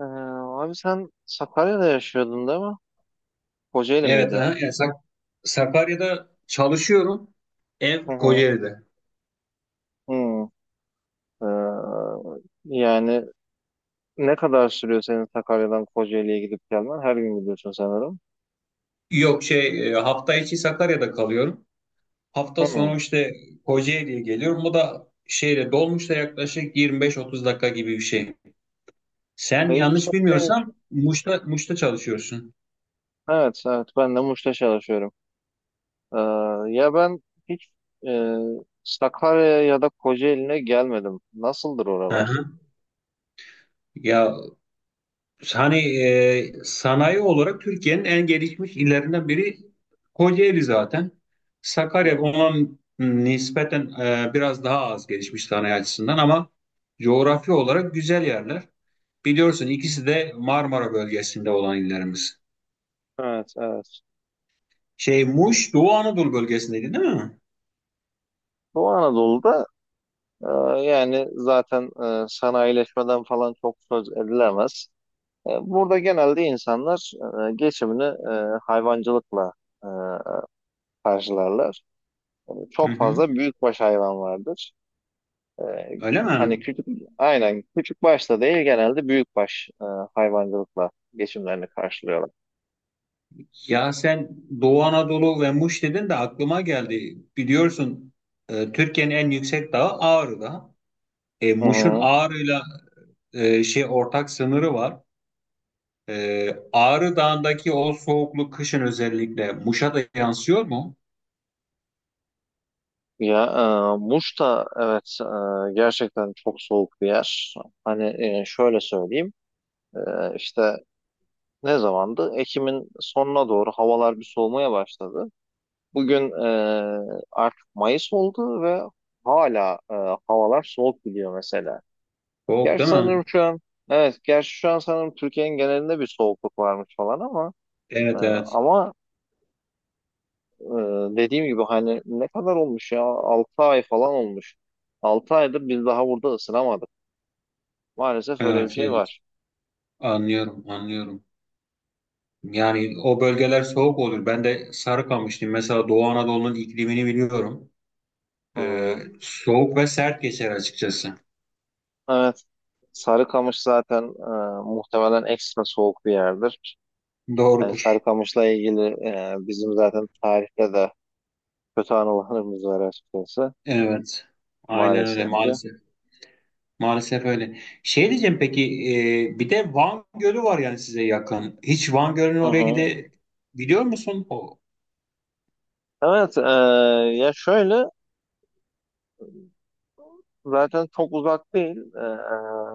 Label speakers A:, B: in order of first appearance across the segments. A: Abi sen Sakarya'da yaşıyordun değil mi? Kocaeli
B: Evet,
A: miydi?
B: aha, Sakarya'da çalışıyorum.
A: Hı
B: Ev
A: hı.
B: Kocaeli'de.
A: Hı. Ee, Yani ne kadar sürüyor senin Sakarya'dan Kocaeli'ye gidip gelmen? Her gün gidiyorsun sanırım.
B: Yok şey e, Hafta içi Sakarya'da kalıyorum. Hafta sonu
A: Hı.
B: işte Kocaeli'ye geliyorum. Bu da dolmuşla yaklaşık 25-30 dakika gibi bir şey. Sen
A: İyi
B: yanlış
A: çok değilmiş.
B: bilmiyorsam Muş'ta çalışıyorsun.
A: Evet, evet. Ben de Muş'ta çalışıyorum. Ee, Ya ben hiç e, Sakarya'ya ya da Kocaeli'ne gelmedim. Nasıldır oralar?
B: Aha. Ya Hani sanayi olarak Türkiye'nin en gelişmiş illerinden biri Kocaeli zaten.
A: Hı
B: Sakarya
A: hı.
B: ona nispeten biraz daha az gelişmiş sanayi açısından ama coğrafi olarak güzel yerler. Biliyorsun ikisi de Marmara bölgesinde olan illerimiz.
A: Evet, evet.
B: Şey, Muş Doğu Anadolu bölgesindeydi değil mi?
A: Doğu Anadolu'da, e, yani zaten sanayileşmeden falan çok söz edilemez. Burada genelde insanlar geçimini hayvancılıkla e, karşılarlar.
B: Hı
A: Çok
B: hı.
A: fazla büyükbaş hayvan vardır. E,
B: Öyle mi?
A: Hani küçük, aynen küçük başta değil genelde büyükbaş hayvancılıkla geçimlerini karşılıyorlar.
B: Ya sen Doğu Anadolu ve Muş dedin de aklıma geldi. Biliyorsun, Türkiye'nin en yüksek dağı Ağrı Dağı.
A: Hı
B: Muş'un
A: hı.
B: Ağrı'yla ortak sınırı var. Ağrı Dağı'ndaki o soğukluk kışın özellikle Muş'a da yansıyor mu?
A: Ya, Muş da evet, gerçekten çok soğuk bir yer. Hani şöyle söyleyeyim, e, işte ne zamandı? Ekim'in sonuna doğru havalar bir soğumaya başladı. Bugün artık Mayıs oldu ve hala havalar soğuk gidiyor mesela.
B: Soğuk
A: Gerçi
B: değil mi?
A: sanırım şu an, evet, gerçi şu an sanırım Türkiye'nin genelinde bir soğukluk varmış falan ama e,
B: Evet, evet.
A: ama e, dediğim gibi hani ne kadar olmuş, ya 6 ay falan olmuş. 6 aydır biz daha burada ısınamadık. Maalesef öyle bir
B: Evet,
A: şey
B: evet.
A: var.
B: Anlıyorum, anlıyorum. Yani o bölgeler soğuk olur. Ben de Sarıkamışlıyım. Mesela Doğu Anadolu'nun iklimini biliyorum.
A: Hı
B: E,
A: hı.
B: Soğuk ve sert geçer açıkçası.
A: Evet. Sarıkamış zaten muhtemelen ekstra soğuk bir yerdir. Yani
B: Doğrudur.
A: Sarıkamış'la ilgili bizim zaten tarihte de kötü anılarımız var açıkçası,
B: Evet. Aynen öyle
A: maalesef ki.
B: maalesef. Maalesef öyle. Şey diyeceğim, peki, bir de Van Gölü var yani size yakın. Hiç Van Gölü'nün
A: Hı
B: oraya
A: hı.
B: gide biliyor musun? O,
A: Evet, ya şöyle, zaten çok uzak değil.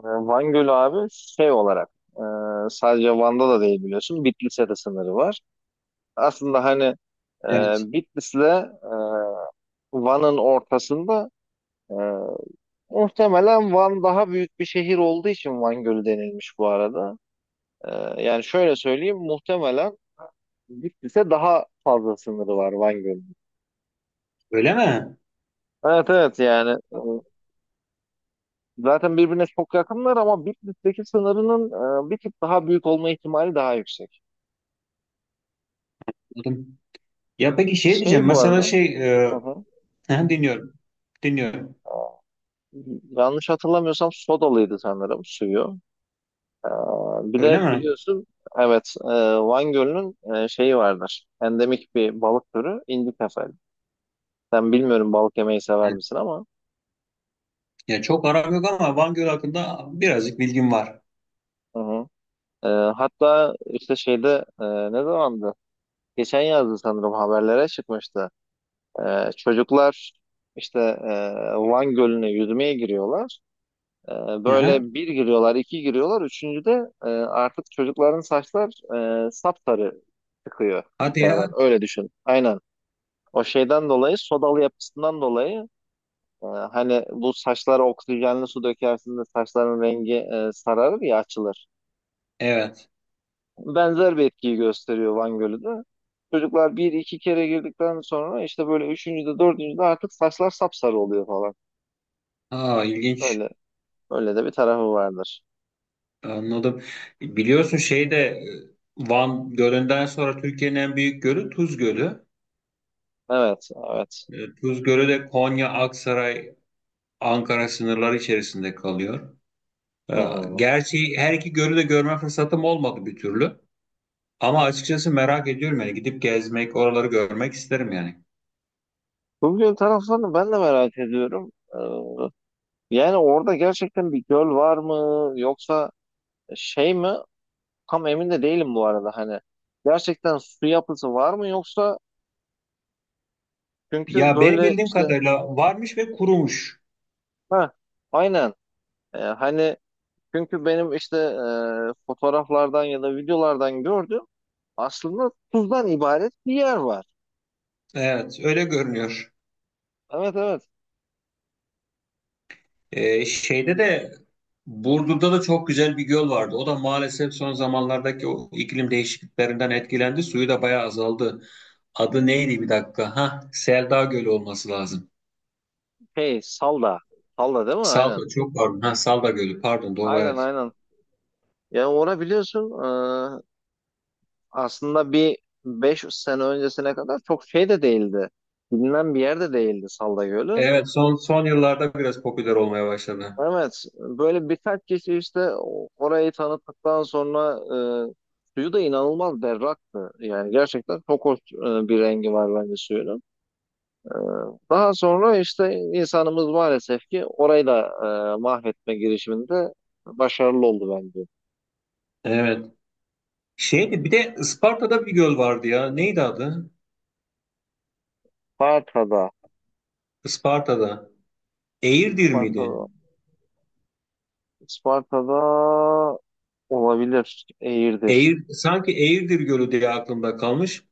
A: Van Gölü abi şey olarak e, sadece Van'da da değil, biliyorsun. Bitlis'e de sınırı var. Aslında hani
B: evet.
A: Bitlis'le Van'ın ortasında e, muhtemelen Van daha büyük bir şehir olduğu için Van Gölü denilmiş bu arada. E, Yani şöyle söyleyeyim, muhtemelen Bitlis'e daha fazla sınırı var Van Gölü.
B: Öyle mi?
A: Evet, evet, yani zaten birbirine çok yakınlar, ama Bitlis'teki sınırının bir tık daha büyük olma ihtimali daha yüksek.
B: Anladım. Ya peki şey diyeceğim
A: Şey, bu
B: mesela
A: arada,
B: şey e,
A: hı hı.
B: dinliyorum. Dinliyorum.
A: e, Yanlış hatırlamıyorsam sodalıydı sanırım suyu. E, Bir
B: Öyle
A: de
B: mi?
A: biliyorsun, evet, Van Gölü'nün şeyi vardır. Endemik bir balık türü indi kefali. Ben bilmiyorum balık yemeyi sever
B: He.
A: misin ama.
B: Ya çok aram yok ama Van Gölü hakkında birazcık bilgim var.
A: Hı hı. E, Hatta işte şeyde, ne zamandı? Geçen yazdı sanırım, haberlere çıkmıştı. Çocuklar işte, Van Gölü'ne yüzmeye giriyorlar. Ee,
B: Aha.
A: Böyle bir giriyorlar, iki giriyorlar. Üçüncüde artık çocukların saçlar sapsarı çıkıyor
B: Hadi
A: içeriden.
B: ya.
A: Öyle düşün. Aynen. O şeyden dolayı, sodalı yapısından dolayı hani bu saçlara oksijenli su dökersin de saçların rengi sararır ya, açılır.
B: Evet.
A: Benzer bir etkiyi gösteriyor Van Gölü de. Çocuklar bir iki kere girdikten sonra işte böyle üçüncüde, dördüncüde artık saçlar sapsarı oluyor falan.
B: Aa, ilginç.
A: Öyle Öyle de bir tarafı vardır.
B: Anladım. Biliyorsun, Van Gölü'nden sonra Türkiye'nin en büyük gölü Tuz Gölü.
A: Evet, evet.
B: Tuzgöre de Konya, Aksaray, Ankara sınırları içerisinde kalıyor.
A: Hı
B: E,
A: hı.
B: Gerçi her iki gölü de görme fırsatım olmadı bir türlü. Ama açıkçası merak ediyorum, yani gidip gezmek, oraları görmek isterim yani.
A: Bugün taraflarını ben de merak ediyorum. Yani orada gerçekten bir göl var mı yoksa şey mi? Tam emin de değilim bu arada hani. Gerçekten su yapısı var mı, yoksa çünkü
B: Ya benim
A: böyle
B: bildiğim
A: işte,
B: kadarıyla varmış ve kurumuş.
A: ha, aynen. Hani çünkü benim işte fotoğraflardan ya da videolardan gördüğüm aslında tuzdan ibaret bir yer var.
B: Evet, öyle görünüyor.
A: Evet, evet.
B: E, şeyde de Burdur'da da çok güzel bir göl vardı. O da maalesef son zamanlardaki o iklim değişikliklerinden etkilendi. Suyu da bayağı azaldı. Adı neydi bir dakika? Ha, Selda Gölü olması lazım.
A: Şey Salda. Salda değil mi? Aynen.
B: Salda, çok pardon. Ha, Salda Gölü, pardon, doğru,
A: Aynen,
B: evet.
A: aynen. Yani ona biliyorsun, e, aslında bir 5 sene öncesine kadar çok şey de değildi. Bilinen bir yer de değildi Salda Gölü.
B: Evet, son yıllarda biraz popüler olmaya başladı.
A: Evet, böyle birkaç kişi işte orayı tanıttıktan sonra suyu da inanılmaz berraktı. Yani gerçekten çok hoş bir rengi var bence suyunun. Daha sonra işte insanımız maalesef ki orayı da mahvetme girişiminde başarılı oldu bence.
B: Evet. Şeydi, bir de Isparta'da bir göl vardı ya. Neydi adı?
A: Sparta'da,
B: Isparta'da. Eğirdir miydi?
A: Sparta'da, Sparta'da. Olabilir. Eğirdir.
B: Sanki Eğirdir Gölü diye aklımda kalmış.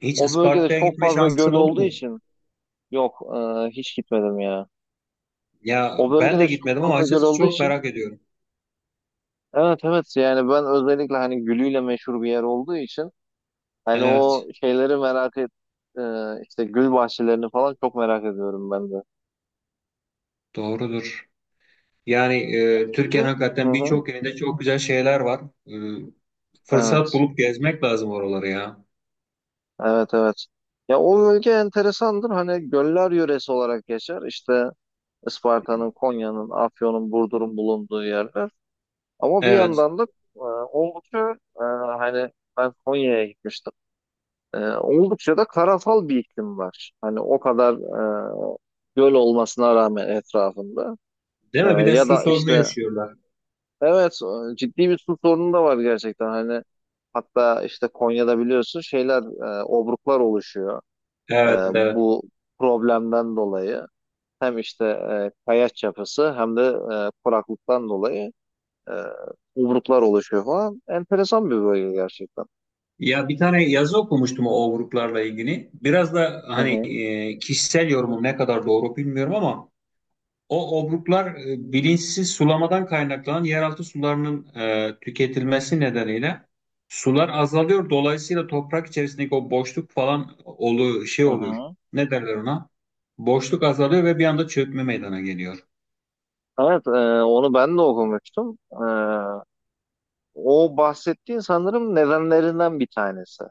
B: Hiç
A: O bölgede
B: Isparta'ya
A: çok
B: gitme
A: fazla
B: şansın
A: göl
B: oldu
A: olduğu
B: mu?
A: için yok, hiç gitmedim ya.
B: Ya
A: O
B: ben de
A: bölgede çok
B: gitmedim ama
A: fazla göl
B: açıkçası
A: olduğu
B: çok
A: için,
B: merak ediyorum.
A: evet, evet, yani ben özellikle hani gülüyle meşhur bir yer olduğu için, hani o
B: Evet,
A: şeyleri merak et, e, işte gül bahçelerini falan çok merak ediyorum ben de.
B: doğrudur. Yani
A: Bölge?
B: Türkiye'nin
A: Hı
B: hakikaten
A: hı.
B: birçok yerinde çok güzel şeyler var. E, Fırsat
A: Evet.
B: bulup gezmek lazım oraları ya.
A: Evet, evet. Ya o bölge enteresandır. Hani göller yöresi olarak geçer. İşte Isparta'nın, Konya'nın, Afyon'un, Burdur'un bulunduğu yerler. Ama bir
B: Evet.
A: yandan da e, oldukça, hani ben Konya'ya gitmiştim. Oldukça da karasal bir iklim var. Hani o kadar e, göl olmasına rağmen etrafında.
B: Değil mi? Bir de
A: Ya
B: su
A: da
B: sorunu
A: işte,
B: yaşıyorlar.
A: evet, ciddi bir su sorunu da var gerçekten. Hani hatta işte Konya'da biliyorsun şeyler, obruklar oluşuyor.
B: Evet, evet.
A: Bu problemden dolayı. Hem işte kayaç yapısı, hem de kuraklıktan dolayı. E, Obruklar oluşuyor falan. Enteresan bir bölge gerçekten.
B: Ya bir tane yazı okumuştum o gruplarla ilgili. Biraz da
A: Hı
B: hani,
A: hı.
B: kişisel yorumum ne kadar doğru bilmiyorum ama o obruklar, bilinçsiz sulamadan kaynaklanan yeraltı sularının tüketilmesi nedeniyle sular azalıyor. Dolayısıyla toprak içerisindeki o boşluk falan
A: Hı
B: oluyor.
A: hı.
B: Ne derler ona? Boşluk azalıyor ve bir anda çökme meydana geliyor.
A: Evet, onu ben de okumuştum. O bahsettiğin sanırım nedenlerinden bir tanesi.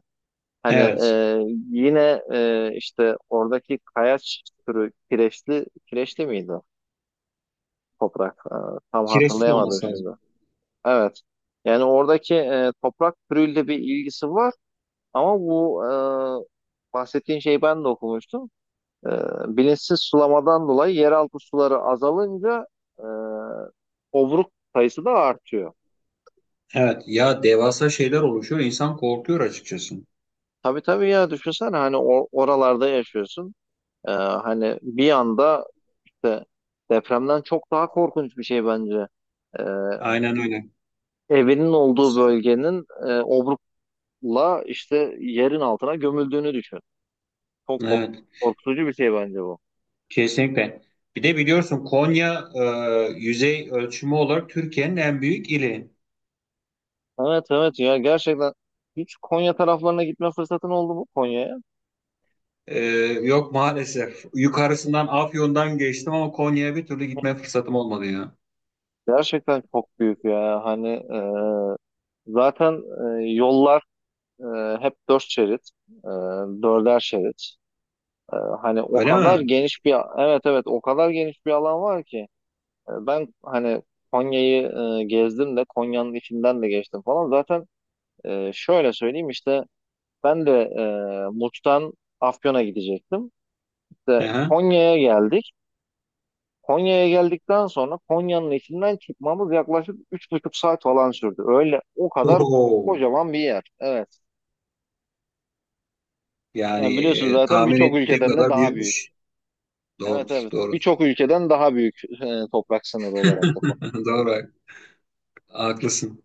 A: Hani
B: Evet.
A: yine işte oradaki kayaç türü kireçli, kireçli miydi o toprak? Tam
B: Kireçli
A: hatırlayamadım
B: olması
A: şimdi.
B: lazım.
A: Evet. Yani oradaki toprak türüyle bir ilgisi var ama bu, bahsettiğin şeyi ben de okumuştum. E, Bilinçsiz sulamadan dolayı yeraltı suları azalınca e, obruk sayısı da artıyor.
B: Evet ya, devasa şeyler oluşuyor. İnsan korkuyor açıkçası.
A: Tabii, tabii ya, düşünsene hani oralarda yaşıyorsun. Hani bir anda işte, depremden çok daha korkunç bir şey bence. E,
B: Aynen öyle.
A: Evinin olduğu bölgenin obrukla işte yerin altına gömüldüğünü düşün. Çok
B: Evet,
A: korkutucu bir şey bence bu.
B: kesinlikle. Bir de biliyorsun Konya, yüzey ölçümü olarak Türkiye'nin en büyük ili.
A: Evet, evet ya, gerçekten hiç Konya taraflarına gitme fırsatın oldu mu, Konya'ya?
B: E, Yok maalesef. Yukarısından Afyon'dan geçtim ama Konya'ya bir türlü gitme fırsatım olmadı ya.
A: Gerçekten çok büyük ya. Hani zaten yollar hep dört şerit, e, dörder şerit. E, Hani o
B: Öyle
A: kadar
B: mi?
A: geniş bir, evet evet, o kadar geniş bir alan var ki. Ben hani Konya'yı gezdim de Konya'nın içinden de geçtim falan. Zaten şöyle söyleyeyim işte ben de e, Muş'tan Afyon'a gidecektim. İşte
B: Aha.
A: Konya'ya geldik. Konya'ya geldikten sonra Konya'nın içinden çıkmamız yaklaşık 3,5 saat falan sürdü. Öyle o kadar
B: Oho.
A: kocaman bir yer. Evet. Yani
B: Yani
A: biliyorsun zaten
B: tahmin
A: birçok
B: ettiğim
A: ülkeden de
B: kadar
A: daha büyük.
B: büyükmüş.
A: Evet,
B: Doğrudur,
A: evet.
B: doğru.
A: Birçok ülkeden daha büyük toprak sınırı olarak da.
B: Doğru, haklısın.